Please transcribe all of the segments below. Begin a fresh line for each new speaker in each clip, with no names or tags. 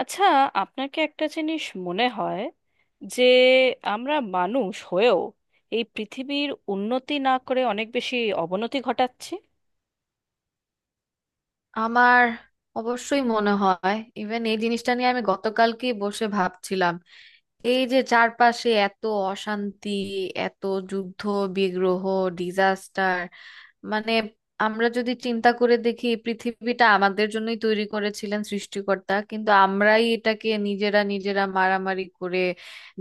আচ্ছা, আপনাকে একটা জিনিস মনে হয় যে আমরা মানুষ হয়েও এই পৃথিবীর উন্নতি না করে অনেক বেশি অবনতি ঘটাচ্ছি?
আমার অবশ্যই মনে হয়, ইভেন এই জিনিসটা নিয়ে আমি গতকালকেই বসে ভাবছিলাম। এই যে চারপাশে এত অশান্তি, এত যুদ্ধ, বিগ্রহ, ডিজাস্টার, মানে আমরা যদি চিন্তা করে দেখি, পৃথিবীটা আমাদের জন্যই তৈরি করেছিলেন সৃষ্টিকর্তা, কিন্তু আমরাই এটাকে নিজেরা নিজেরা মারামারি করে,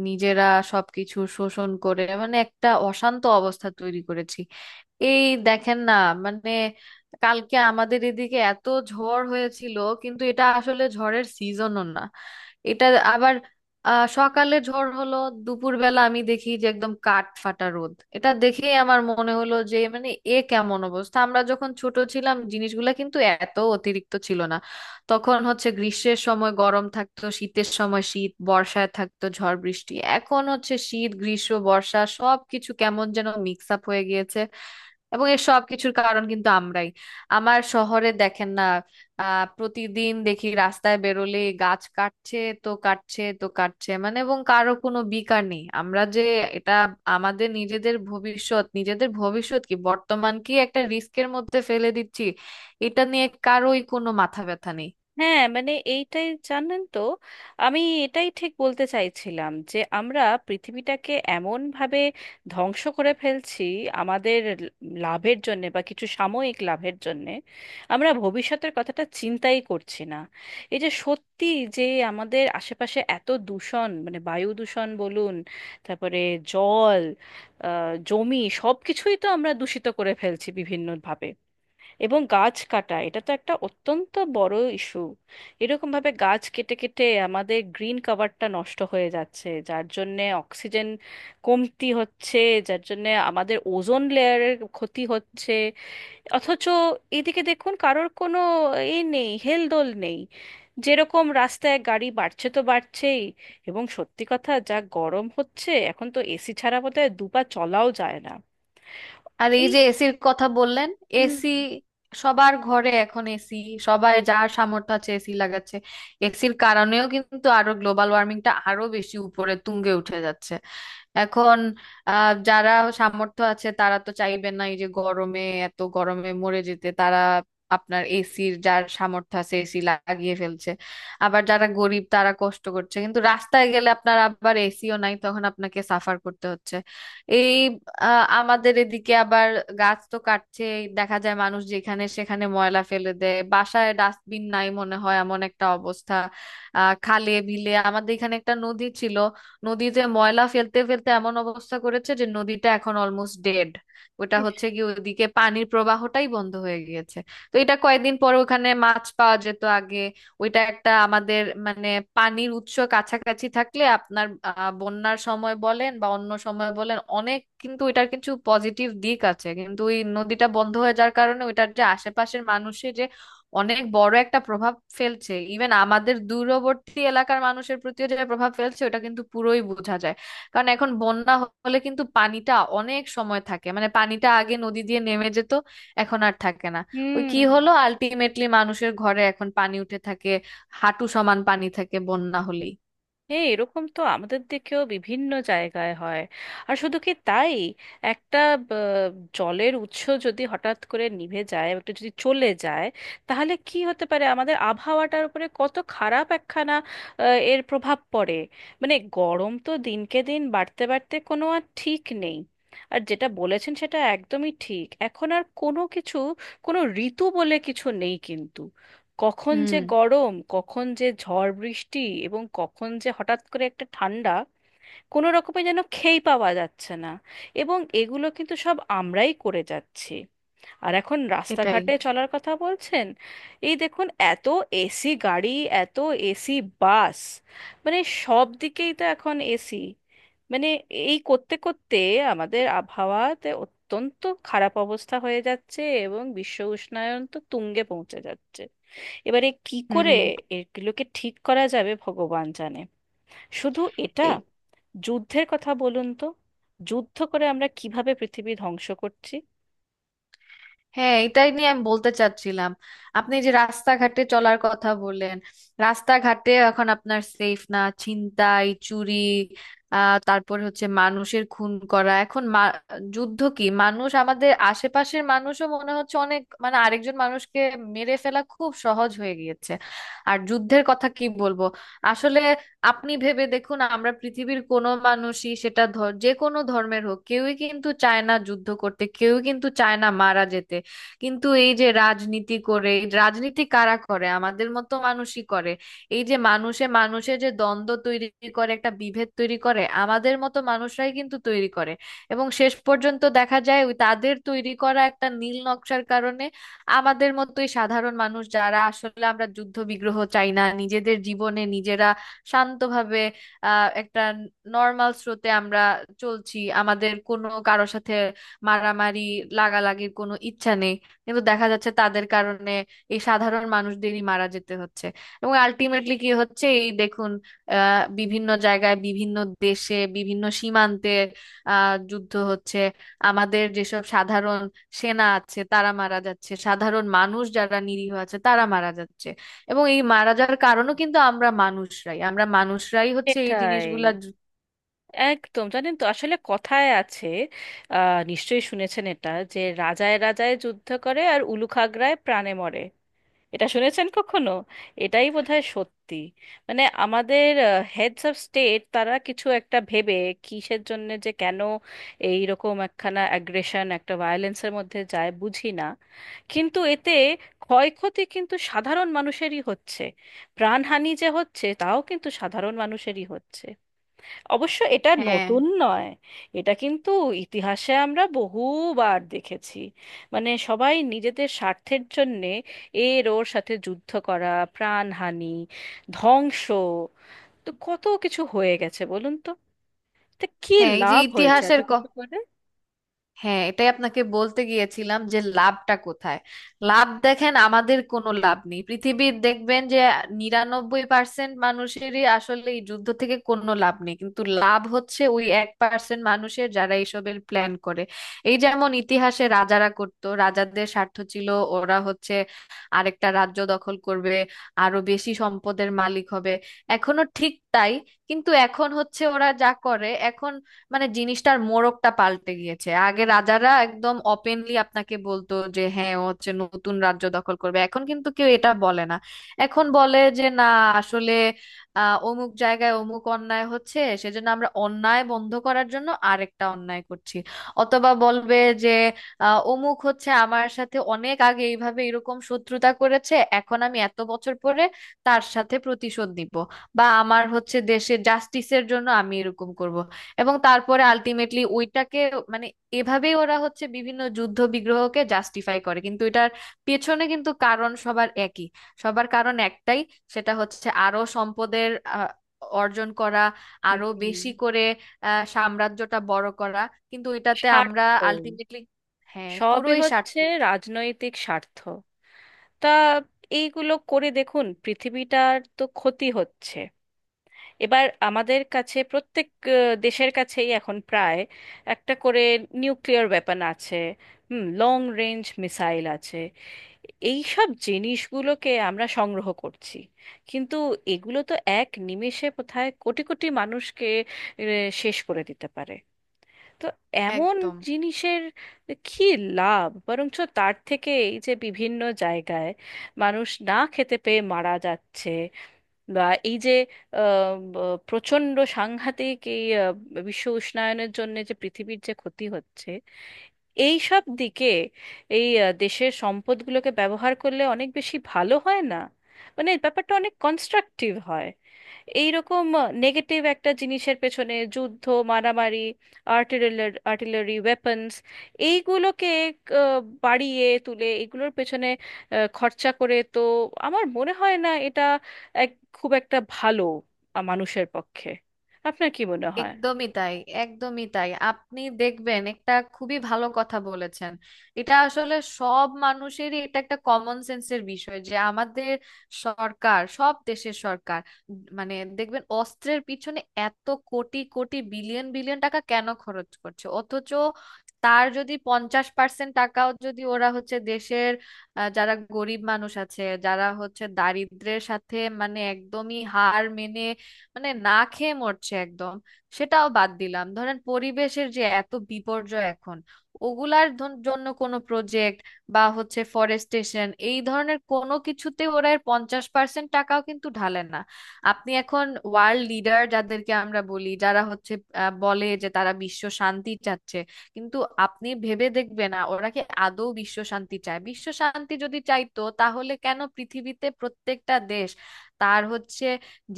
নিজেরা সবকিছু শোষণ করে, একটা অশান্ত অবস্থা তৈরি করেছি। এই দেখেন না, মানে কালকে আমাদের এদিকে এত ঝড় হয়েছিল, কিন্তু এটা আসলে ঝড়ের সিজনও না। এটা আবার সকালে ঝড় হলো, দুপুরবেলা আমি দেখি যে একদম কাঠ ফাটা রোদ। এটা দেখেই আমার মনে হলো যে এ কেমন অবস্থা! আমরা যখন ছোট ছিলাম জিনিসগুলা কিন্তু এত অতিরিক্ত ছিল না। তখন হচ্ছে গ্রীষ্মের সময় গরম থাকতো, শীতের সময় শীত, বর্ষায় থাকতো ঝড় বৃষ্টি। এখন হচ্ছে শীত, গ্রীষ্ম, বর্ষা সবকিছু কেমন যেন মিক্স আপ হয়ে গিয়েছে। এবং এর সব কিছুর কারণ কিন্তু আমরাই। আমার শহরে দেখেন না, প্রতিদিন দেখি রাস্তায় বেরোলে গাছ কাটছে তো কাটছে তো কাটছে, এবং কারো কোনো বিকার নেই। আমরা যে এটা আমাদের নিজেদের ভবিষ্যৎ কি বর্তমান কি একটা রিস্কের মধ্যে ফেলে দিচ্ছি, এটা নিয়ে কারোই কোনো মাথা ব্যথা নেই।
হ্যাঁ, মানে এইটাই, জানেন তো, আমি এটাই ঠিক বলতে চাইছিলাম যে আমরা পৃথিবীটাকে এমন ভাবে ধ্বংস করে ফেলছি আমাদের লাভের জন্য বা কিছু সাময়িক লাভের জন্য। আমরা ভবিষ্যতের কথাটা চিন্তাই করছি না। এই যে সত্যি, যে আমাদের আশেপাশে এত দূষণ, মানে বায়ু দূষণ বলুন, তারপরে জল, জমি, সব কিছুই তো আমরা দূষিত করে ফেলছি বিভিন্নভাবে। এবং গাছ কাটা, এটা তো একটা অত্যন্ত বড় ইস্যু। এরকম ভাবে গাছ কেটে কেটে আমাদের গ্রিন কভারটা নষ্ট হয়ে যাচ্ছে, যার জন্যে অক্সিজেন কমতি হচ্ছে, যার জন্যে আমাদের ওজোন লেয়ারের ক্ষতি হচ্ছে। অথচ এদিকে দেখুন, কারোর কোনো এ নেই, হেলদোল নেই। যেরকম রাস্তায় গাড়ি বাড়ছে তো বাড়ছেই, এবং সত্যি কথা, যা গরম হচ্ছে এখন তো এসি ছাড়া বোধহয় দুপা চলাও যায় না।
আর এই
এই,
যে এসির কথা বললেন,
হুম।
এসি সবার ঘরে এখন এসি। সবাই যার সামর্থ্য আছে এসি লাগাচ্ছে। এসির কারণেও কিন্তু আরো গ্লোবাল ওয়ার্মিংটা আরো বেশি উপরে তুঙ্গে উঠে যাচ্ছে। এখন যারা সামর্থ্য আছে তারা তো চাইবে না এই যে গরমে, এত গরমে মরে যেতে। তারা আপনার এসির, যার সামর্থ্য আছে এসি লাগিয়ে ফেলছে। আবার যারা গরিব তারা কষ্ট করছে, কিন্তু রাস্তায় গেলে আপনার আবার এসিও নাই, তখন আপনাকে সাফার করতে হচ্ছে। এই আমাদের এদিকে আবার গাছ তো কাটছে, দেখা যায় মানুষ যেখানে সেখানে ময়লা ফেলে দেয়, বাসায় ডাস্টবিন নাই মনে হয় এমন একটা অবস্থা। খালে বিলে আমাদের এখানে একটা নদী ছিল, নদীতে ময়লা ফেলতে ফেলতে এমন অবস্থা করেছে যে নদীটা এখন অলমোস্ট ডেড। ওটা হচ্ছে কি, ওদিকে পানির প্রবাহটাই বন্ধ হয়ে গিয়েছে। তো এটা কয়েকদিন পর, ওখানে মাছ পাওয়া যেত আগে। ওইটা একটা আমাদের, মানে পানির উৎস কাছাকাছি থাকলে আপনার বন্যার সময় বলেন বা অন্য সময় বলেন অনেক, কিন্তু এটার কিছু পজিটিভ দিক আছে। কিন্তু ওই নদীটা বন্ধ হয়ে যাওয়ার কারণে ওইটার যে আশেপাশের মানুষের যে অনেক বড় একটা প্রভাব ফেলছে, ইভেন আমাদের দূরবর্তী এলাকার মানুষের প্রতিও যে প্রভাব ফেলছে ওটা কিন্তু পুরোই বোঝা যায়। কারণ এখন বন্যা হলে কিন্তু পানিটা অনেক সময় থাকে, পানিটা আগে নদী দিয়ে নেমে যেত, এখন আর থাকে না। ওই কি
হুম।
হলো, আলটিমেটলি মানুষের ঘরে এখন পানি উঠে থাকে, হাঁটু সমান পানি থাকে বন্যা হলেই।
হ্যাঁ, এরকম তো আমাদের দিকেও বিভিন্ন জায়গায় হয়। আর শুধু কি তাই, একটা আহ, জলের উৎস যদি হঠাৎ করে নিভে যায়, একটু যদি চলে যায়, তাহলে কি হতে পারে আমাদের আবহাওয়াটার উপরে কত খারাপ একখানা আহ, এর প্রভাব পড়ে। মানে গরম তো দিনকে দিন বাড়তে বাড়তে কোনো আর ঠিক নেই। আর যেটা বলেছেন সেটা একদমই ঠিক, এখন আর কোনো কিছু, কোনো ঋতু বলে কিছু নেই কিন্তু। কখন যে
হুম,
গরম, কখন যে ঝড় বৃষ্টি এবং কখন যে হঠাৎ করে একটা ঠান্ডা, কোনো রকমে যেন খেই পাওয়া যাচ্ছে না। এবং এগুলো কিন্তু সব আমরাই করে যাচ্ছি। আর এখন
এটাই।
রাস্তাঘাটে চলার কথা বলছেন, এই দেখুন, এত এসি গাড়ি, এত এসি বাস, মানে সব দিকেই তো এখন এসি। মানে এই করতে করতে আমাদের আবহাওয়াতে অত্যন্ত খারাপ অবস্থা হয়ে যাচ্ছে এবং বিশ্ব উষ্ণায়ন তো তুঙ্গে পৌঁছে যাচ্ছে। এবারে কি করে
হুম।
এগুলোকে ঠিক করা যাবে ভগবান জানে। শুধু এটা, যুদ্ধের কথা বলুন তো, যুদ্ধ করে আমরা কিভাবে পৃথিবী ধ্বংস করছি!
হ্যাঁ, এটাই নিয়ে আমি বলতে চাচ্ছিলাম। আপনি যে রাস্তাঘাটে চলার কথা বললেন, রাস্তাঘাটে এখন আপনার সেফ না, ছিনতাই, চুরি, তারপর হচ্ছে মানুষের খুন করা। এখন যুদ্ধ কি, মানুষ আমাদের আশেপাশের মানুষও মনে হচ্ছে অনেক, আরেকজন মানুষকে মেরে ফেলা খুব সহজ হয়ে গিয়েছে। আর যুদ্ধের কথা কি বলবো, আসলে আপনি ভেবে দেখুন, আমরা পৃথিবীর কোনো মানুষই, সেটা যে কোনো ধর্মের হোক, কেউই কিন্তু চায় না যুদ্ধ করতে, কেউই কিন্তু চায় না মারা যেতে। কিন্তু এই যে রাজনীতি করে, এই রাজনীতি কারা করে, আমাদের মতো মানুষই করে। এই যে মানুষে মানুষে যে দ্বন্দ্ব তৈরি করে, একটা বিভেদ তৈরি করে, আমাদের মতো মানুষরাই কিন্তু তৈরি করে। এবং শেষ পর্যন্ত দেখা যায় ওই তাদের তৈরি করা একটা নীল নকশার কারণে আমাদের মতোই সাধারণ মানুষ, যারা আসলে আমরা যুদ্ধ বিগ্রহ চাই না, নিজেদের জীবনে নিজেরা শান্তভাবে একটা নর্মাল স্রোতে আমরা চলছি, আমাদের কোনো কারোর সাথে মারামারি লাগালাগির কোনো ইচ্ছা নেই। কিন্তু দেখা যাচ্ছে তাদের কারণে এই সাধারণ মানুষদেরই মারা যেতে হচ্ছে। এবং আলটিমেটলি কি হচ্ছে, এই দেখুন বিভিন্ন জায়গায়, বিভিন্ন দেশে, বিভিন্ন সীমান্তে যুদ্ধ হচ্ছে। আমাদের যেসব সাধারণ সেনা আছে তারা মারা যাচ্ছে, সাধারণ মানুষ যারা নিরীহ আছে তারা মারা যাচ্ছে। এবং এই মারা যাওয়ার কারণও কিন্তু আমরা মানুষরাই হচ্ছে এই
সেটাই,
জিনিসগুলা।
একদম। জানেন তো, আসলে কথায় আছে, নিশ্চয়ই শুনেছেন এটা, যে রাজায় রাজায় যুদ্ধ করে আর উলুখাগড়ায় প্রাণে মরে। এটা শুনেছেন কখনো? এটাই বোধহয় সত্যি। মানে আমাদের হেডস অফ স্টেট, তারা কিছু একটা ভেবে, কিসের জন্য যে কেন এই রকম একখানা অ্যাগ্রেশন, একটা ভায়োলেন্সের মধ্যে যায় বুঝি না। কিন্তু এতে ক্ষয়ক্ষতি কিন্তু সাধারণ মানুষেরই হচ্ছে, প্রাণহানি যে হচ্ছে তাও কিন্তু সাধারণ মানুষেরই হচ্ছে। অবশ্য এটা
হ্যাঁ।
নতুন নয়, এটা কিন্তু ইতিহাসে আমরা বহুবার দেখেছি। মানে সবাই নিজেদের স্বার্থের জন্যে এর ওর সাথে যুদ্ধ করা, প্রাণহানি, ধ্বংস, তো কত কিছু হয়ে গেছে বলুন তো। তা কি
হ্যাঁ এই যে
লাভ হয়েছে এত
ইতিহাসের ক,
কিছু করে?
হ্যাঁ এটাই আপনাকে বলতে গিয়েছিলাম যে লাভটা কোথায়। লাভ দেখেন, আমাদের কোনো লাভ নেই পৃথিবীর, দেখবেন যে 99% মানুষেরই আসলে এই যুদ্ধ থেকে কোনো লাভ নেই, কিন্তু লাভ হচ্ছে ওই 1% মানুষের যারা এইসবের প্ল্যান করে। এই যেমন ইতিহাসে রাজারা করতো, রাজাদের স্বার্থ ছিল ওরা হচ্ছে আরেকটা রাজ্য দখল করবে, আরো বেশি সম্পদের মালিক হবে। এখনো ঠিক তাই, কিন্তু এখন হচ্ছে ওরা যা করে এখন, জিনিসটার মোড়কটা পাল্টে গিয়েছে। আগে রাজারা একদম ওপেনলি আপনাকে বলতো যে হ্যাঁ ও হচ্ছে নতুন রাজ্য দখল করবে, এখন কিন্তু কেউ এটা বলে না। এখন বলে যে না, আসলে অমুক জায়গায় অমুক অন্যায় হচ্ছে, সেজন্য আমরা অন্যায় বন্ধ করার জন্য আরেকটা অন্যায় করছি। অথবা বলবে যে অমুক হচ্ছে আমার সাথে অনেক আগে এইভাবে এরকম শত্রুতা করেছে, এখন আমি এত বছর পরে তার সাথে প্রতিশোধ নিব। বা আমার হচ্ছে দেশে জাস্টিসের জন্য আমি এরকম করব। এবং তারপরে আলটিমেটলি ওইটাকে, মানে এভাবেই ওরা হচ্ছে বিভিন্ন যুদ্ধ বিগ্রহকে জাস্টিফাই করে। কিন্তু এটার পেছনে কিন্তু কারণ সবার একই, সবার কারণ একটাই। সেটা হচ্ছে আরো সম্পদের অর্জন করা, আরো
হুম,
বেশি করে সাম্রাজ্যটা বড় করা। কিন্তু এটাতে আমরা
স্বার্থ।
আলটিমেটলি, হ্যাঁ
সবই
পুরোই স্বার্থ।
হচ্ছে রাজনৈতিক স্বার্থ। তা এইগুলো করে দেখুন পৃথিবীটার তো ক্ষতি হচ্ছে। এবার আমাদের কাছে প্রত্যেক আহ, দেশের কাছেই এখন প্রায় একটা করে নিউক্লিয়ার ওয়েপন আছে, হুম, লং রেঞ্জ মিসাইল আছে, এই সব জিনিসগুলোকে আমরা সংগ্রহ করছি। কিন্তু এগুলো তো এক নিমেষে কোথায় কোটি কোটি মানুষকে শেষ করে দিতে পারে। তো এমন
একদম,
জিনিসের কি লাভ? বরঞ্চ তার থেকে এই যে বিভিন্ন জায়গায় মানুষ না খেতে পেয়ে মারা যাচ্ছে, বা এই যে প্রচণ্ড সাংঘাতিক এই বিশ্ব উষ্ণায়নের জন্য যে পৃথিবীর যে ক্ষতি হচ্ছে, এই সব দিকে এই দেশের সম্পদগুলোকে ব্যবহার করলে অনেক বেশি ভালো হয় না? মানে এই ব্যাপারটা অনেক কনস্ট্রাকটিভ হয়। এইরকম নেগেটিভ একটা জিনিসের পেছনে, যুদ্ধ, মারামারি, আর্টিলারি আর্টিলারি ওয়েপন্স, এইগুলোকে আহ, বাড়িয়ে তুলে এগুলোর পেছনে খরচা করে, তো আমার মনে হয় না এটা এক খুব একটা ভালো মানুষের পক্ষে। আপনার কি মনে হয়?
একদমই তাই। একদমই তাই, আপনি দেখবেন একটা খুবই ভালো কথা বলেছেন। এটা আসলে সব মানুষেরই, এটা একটা কমন সেন্সের বিষয় যে আমাদের সরকার, সব দেশের সরকার, দেখবেন অস্ত্রের পিছনে এত কোটি কোটি বিলিয়ন বিলিয়ন টাকা কেন খরচ করছে। অথচ তার যদি 50% টাকাও যদি ওরা হচ্ছে দেশের যারা গরিব মানুষ আছে, যারা হচ্ছে দারিদ্র্যের সাথে একদমই হার মেনে, না খেয়ে মরছে একদম। সেটাও বাদ দিলাম, ধরেন পরিবেশের যে এত বিপর্যয় এখন, ওগুলার জন্য কোনো প্রজেক্ট বা হচ্ছে ফরেস্টেশন এই ধরনের কোনো কিছুতে ওরা এর 50% টাকাও কিন্তু ঢালে না। আপনি এখন ওয়ার্ল্ড লিডার যাদেরকে আমরা বলি, যারা হচ্ছে বলে যে তারা বিশ্ব শান্তি চাচ্ছে, কিন্তু আপনি ভেবে দেখবেন না ওরা কি আদৌ বিশ্ব শান্তি চায়? বিশ্ব শান্তি যদি চাইতো, তাহলে কেন পৃথিবীতে প্রত্যেকটা দেশ তার হচ্ছে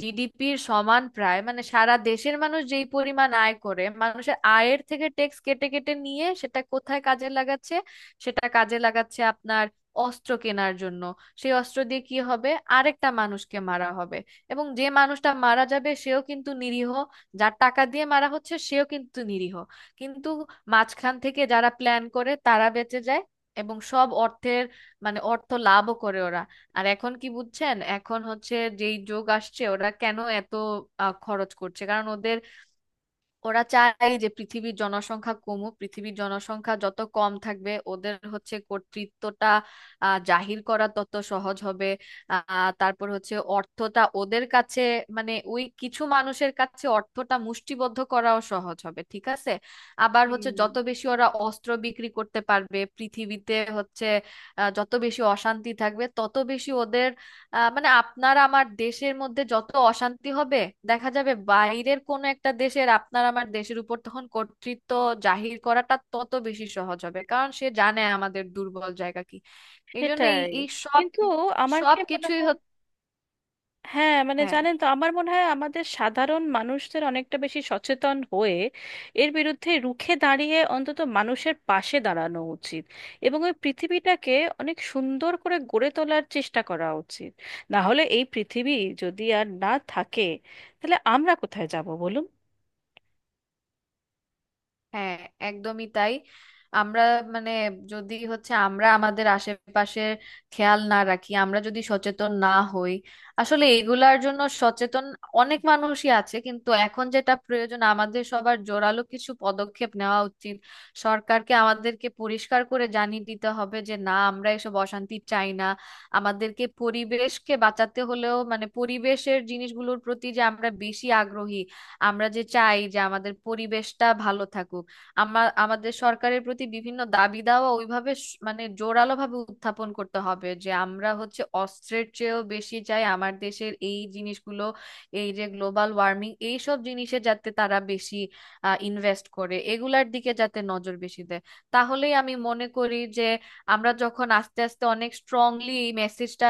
জিডিপির সমান প্রায়, সারা দেশের মানুষ যেই পরিমাণ আয় করে, মানুষের আয়ের থেকে ট্যাক্স কেটে কেটে নিয়ে সেটা কোথায় কাজে লাগাচ্ছে? সেটা কাজে লাগাচ্ছে আপনার অস্ত্র কেনার জন্য। সেই অস্ত্র দিয়ে কি হবে? আরেকটা মানুষকে মারা হবে। এবং যে মানুষটা মারা যাবে সেও কিন্তু নিরীহ, যার টাকা দিয়ে মারা হচ্ছে সেও কিন্তু নিরীহ। কিন্তু মাঝখান থেকে যারা প্ল্যান করে তারা বেঁচে যায়, এবং সব অর্থের, অর্থ লাভও করে ওরা। আর এখন কি বুঝছেন, এখন হচ্ছে যেই যুগ আসছে, ওরা কেন এত খরচ করছে, কারণ ওদের, ওরা চায় যে পৃথিবীর জনসংখ্যা কমুক। পৃথিবীর জনসংখ্যা যত কম থাকবে ওদের হচ্ছে কর্তৃত্বটা জাহির করা তত সহজ হবে। তারপর হচ্ছে অর্থটা ওদের কাছে, ওই কিছু মানুষের কাছে অর্থটা মুষ্টিবদ্ধ করাও সহজ হবে, ঠিক আছে। আবার হচ্ছে
হুম,
যত বেশি ওরা অস্ত্র বিক্রি করতে পারবে পৃথিবীতে হচ্ছে যত বেশি অশান্তি থাকবে তত বেশি ওদের, আপনার আমার দেশের মধ্যে যত অশান্তি হবে, দেখা যাবে বাইরের কোনো একটা দেশের আপনার আমার দেশের উপর তখন কর্তৃত্ব জাহির করাটা তত বেশি সহজ হবে, কারণ সে জানে আমাদের দুর্বল জায়গা কি। এই জন্য এই
সেটাই।
এই সব,
কিন্তু আমার কি
সব
মনে
কিছুই
হয়,
হচ্ছে।
হ্যাঁ, মানে
হ্যাঁ।
জানেন তো, আমার মনে হয় আমাদের সাধারণ মানুষদের অনেকটা বেশি সচেতন হয়ে এর বিরুদ্ধে রুখে দাঁড়িয়ে অন্তত মানুষের পাশে দাঁড়ানো উচিত এবং ওই পৃথিবীটাকে অনেক সুন্দর করে গড়ে তোলার চেষ্টা করা উচিত। না হলে এই পৃথিবী যদি আর না থাকে, তাহলে আমরা কোথায় যাব বলুন?
হ্যাঁ, একদমই তাই। আমরা মানে যদি হচ্ছে আমরা আমাদের আশেপাশের খেয়াল না রাখি, আমরা যদি সচেতন না হই, আসলে এগুলার জন্য সচেতন অনেক মানুষই আছে কিন্তু এখন যেটা প্রয়োজন আমাদের সবার জোরালো কিছু পদক্ষেপ নেওয়া উচিত। সরকারকে আমাদেরকে পরিষ্কার করে জানিয়ে দিতে হবে যে না, আমরা এসব অশান্তি চাই না। আমাদেরকে পরিবেশকে বাঁচাতে হলেও পরিবেশের জিনিসগুলোর প্রতি যে আমরা বেশি আগ্রহী, আমরা যে চাই যে আমাদের পরিবেশটা ভালো থাকুক, আমার, আমাদের সরকারের প্রতি বিভিন্ন দাবি দাওয়া ওইভাবে জোরালো ভাবে উত্থাপন করতে হবে যে আমরা হচ্ছে অস্ত্রের চেয়েও বেশি চাই আমার দেশের এই জিনিসগুলো, এই যে গ্লোবাল ওয়ার্মিং এইসব জিনিসে যাতে তারা বেশি ইনভেস্ট করে, এগুলার দিকে যাতে নজর বেশি দেয়। তাহলেই আমি মনে করি যে আমরা যখন আস্তে আস্তে অনেক স্ট্রংলি এই মেসেজটা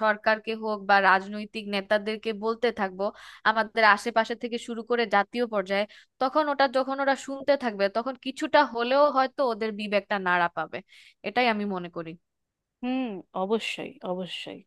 সরকারকে হোক বা রাজনৈতিক নেতাদেরকে বলতে থাকবো, আমাদের আশেপাশে থেকে শুরু করে জাতীয় পর্যায়ে, তখন ওটা যখন ওরা শুনতে থাকবে তখন কিছুটা হলেও হয়তো ওদের বিবেকটা নাড়া পাবে। এটাই আমি মনে করি।
হুম, অবশ্যই, অবশ্যই।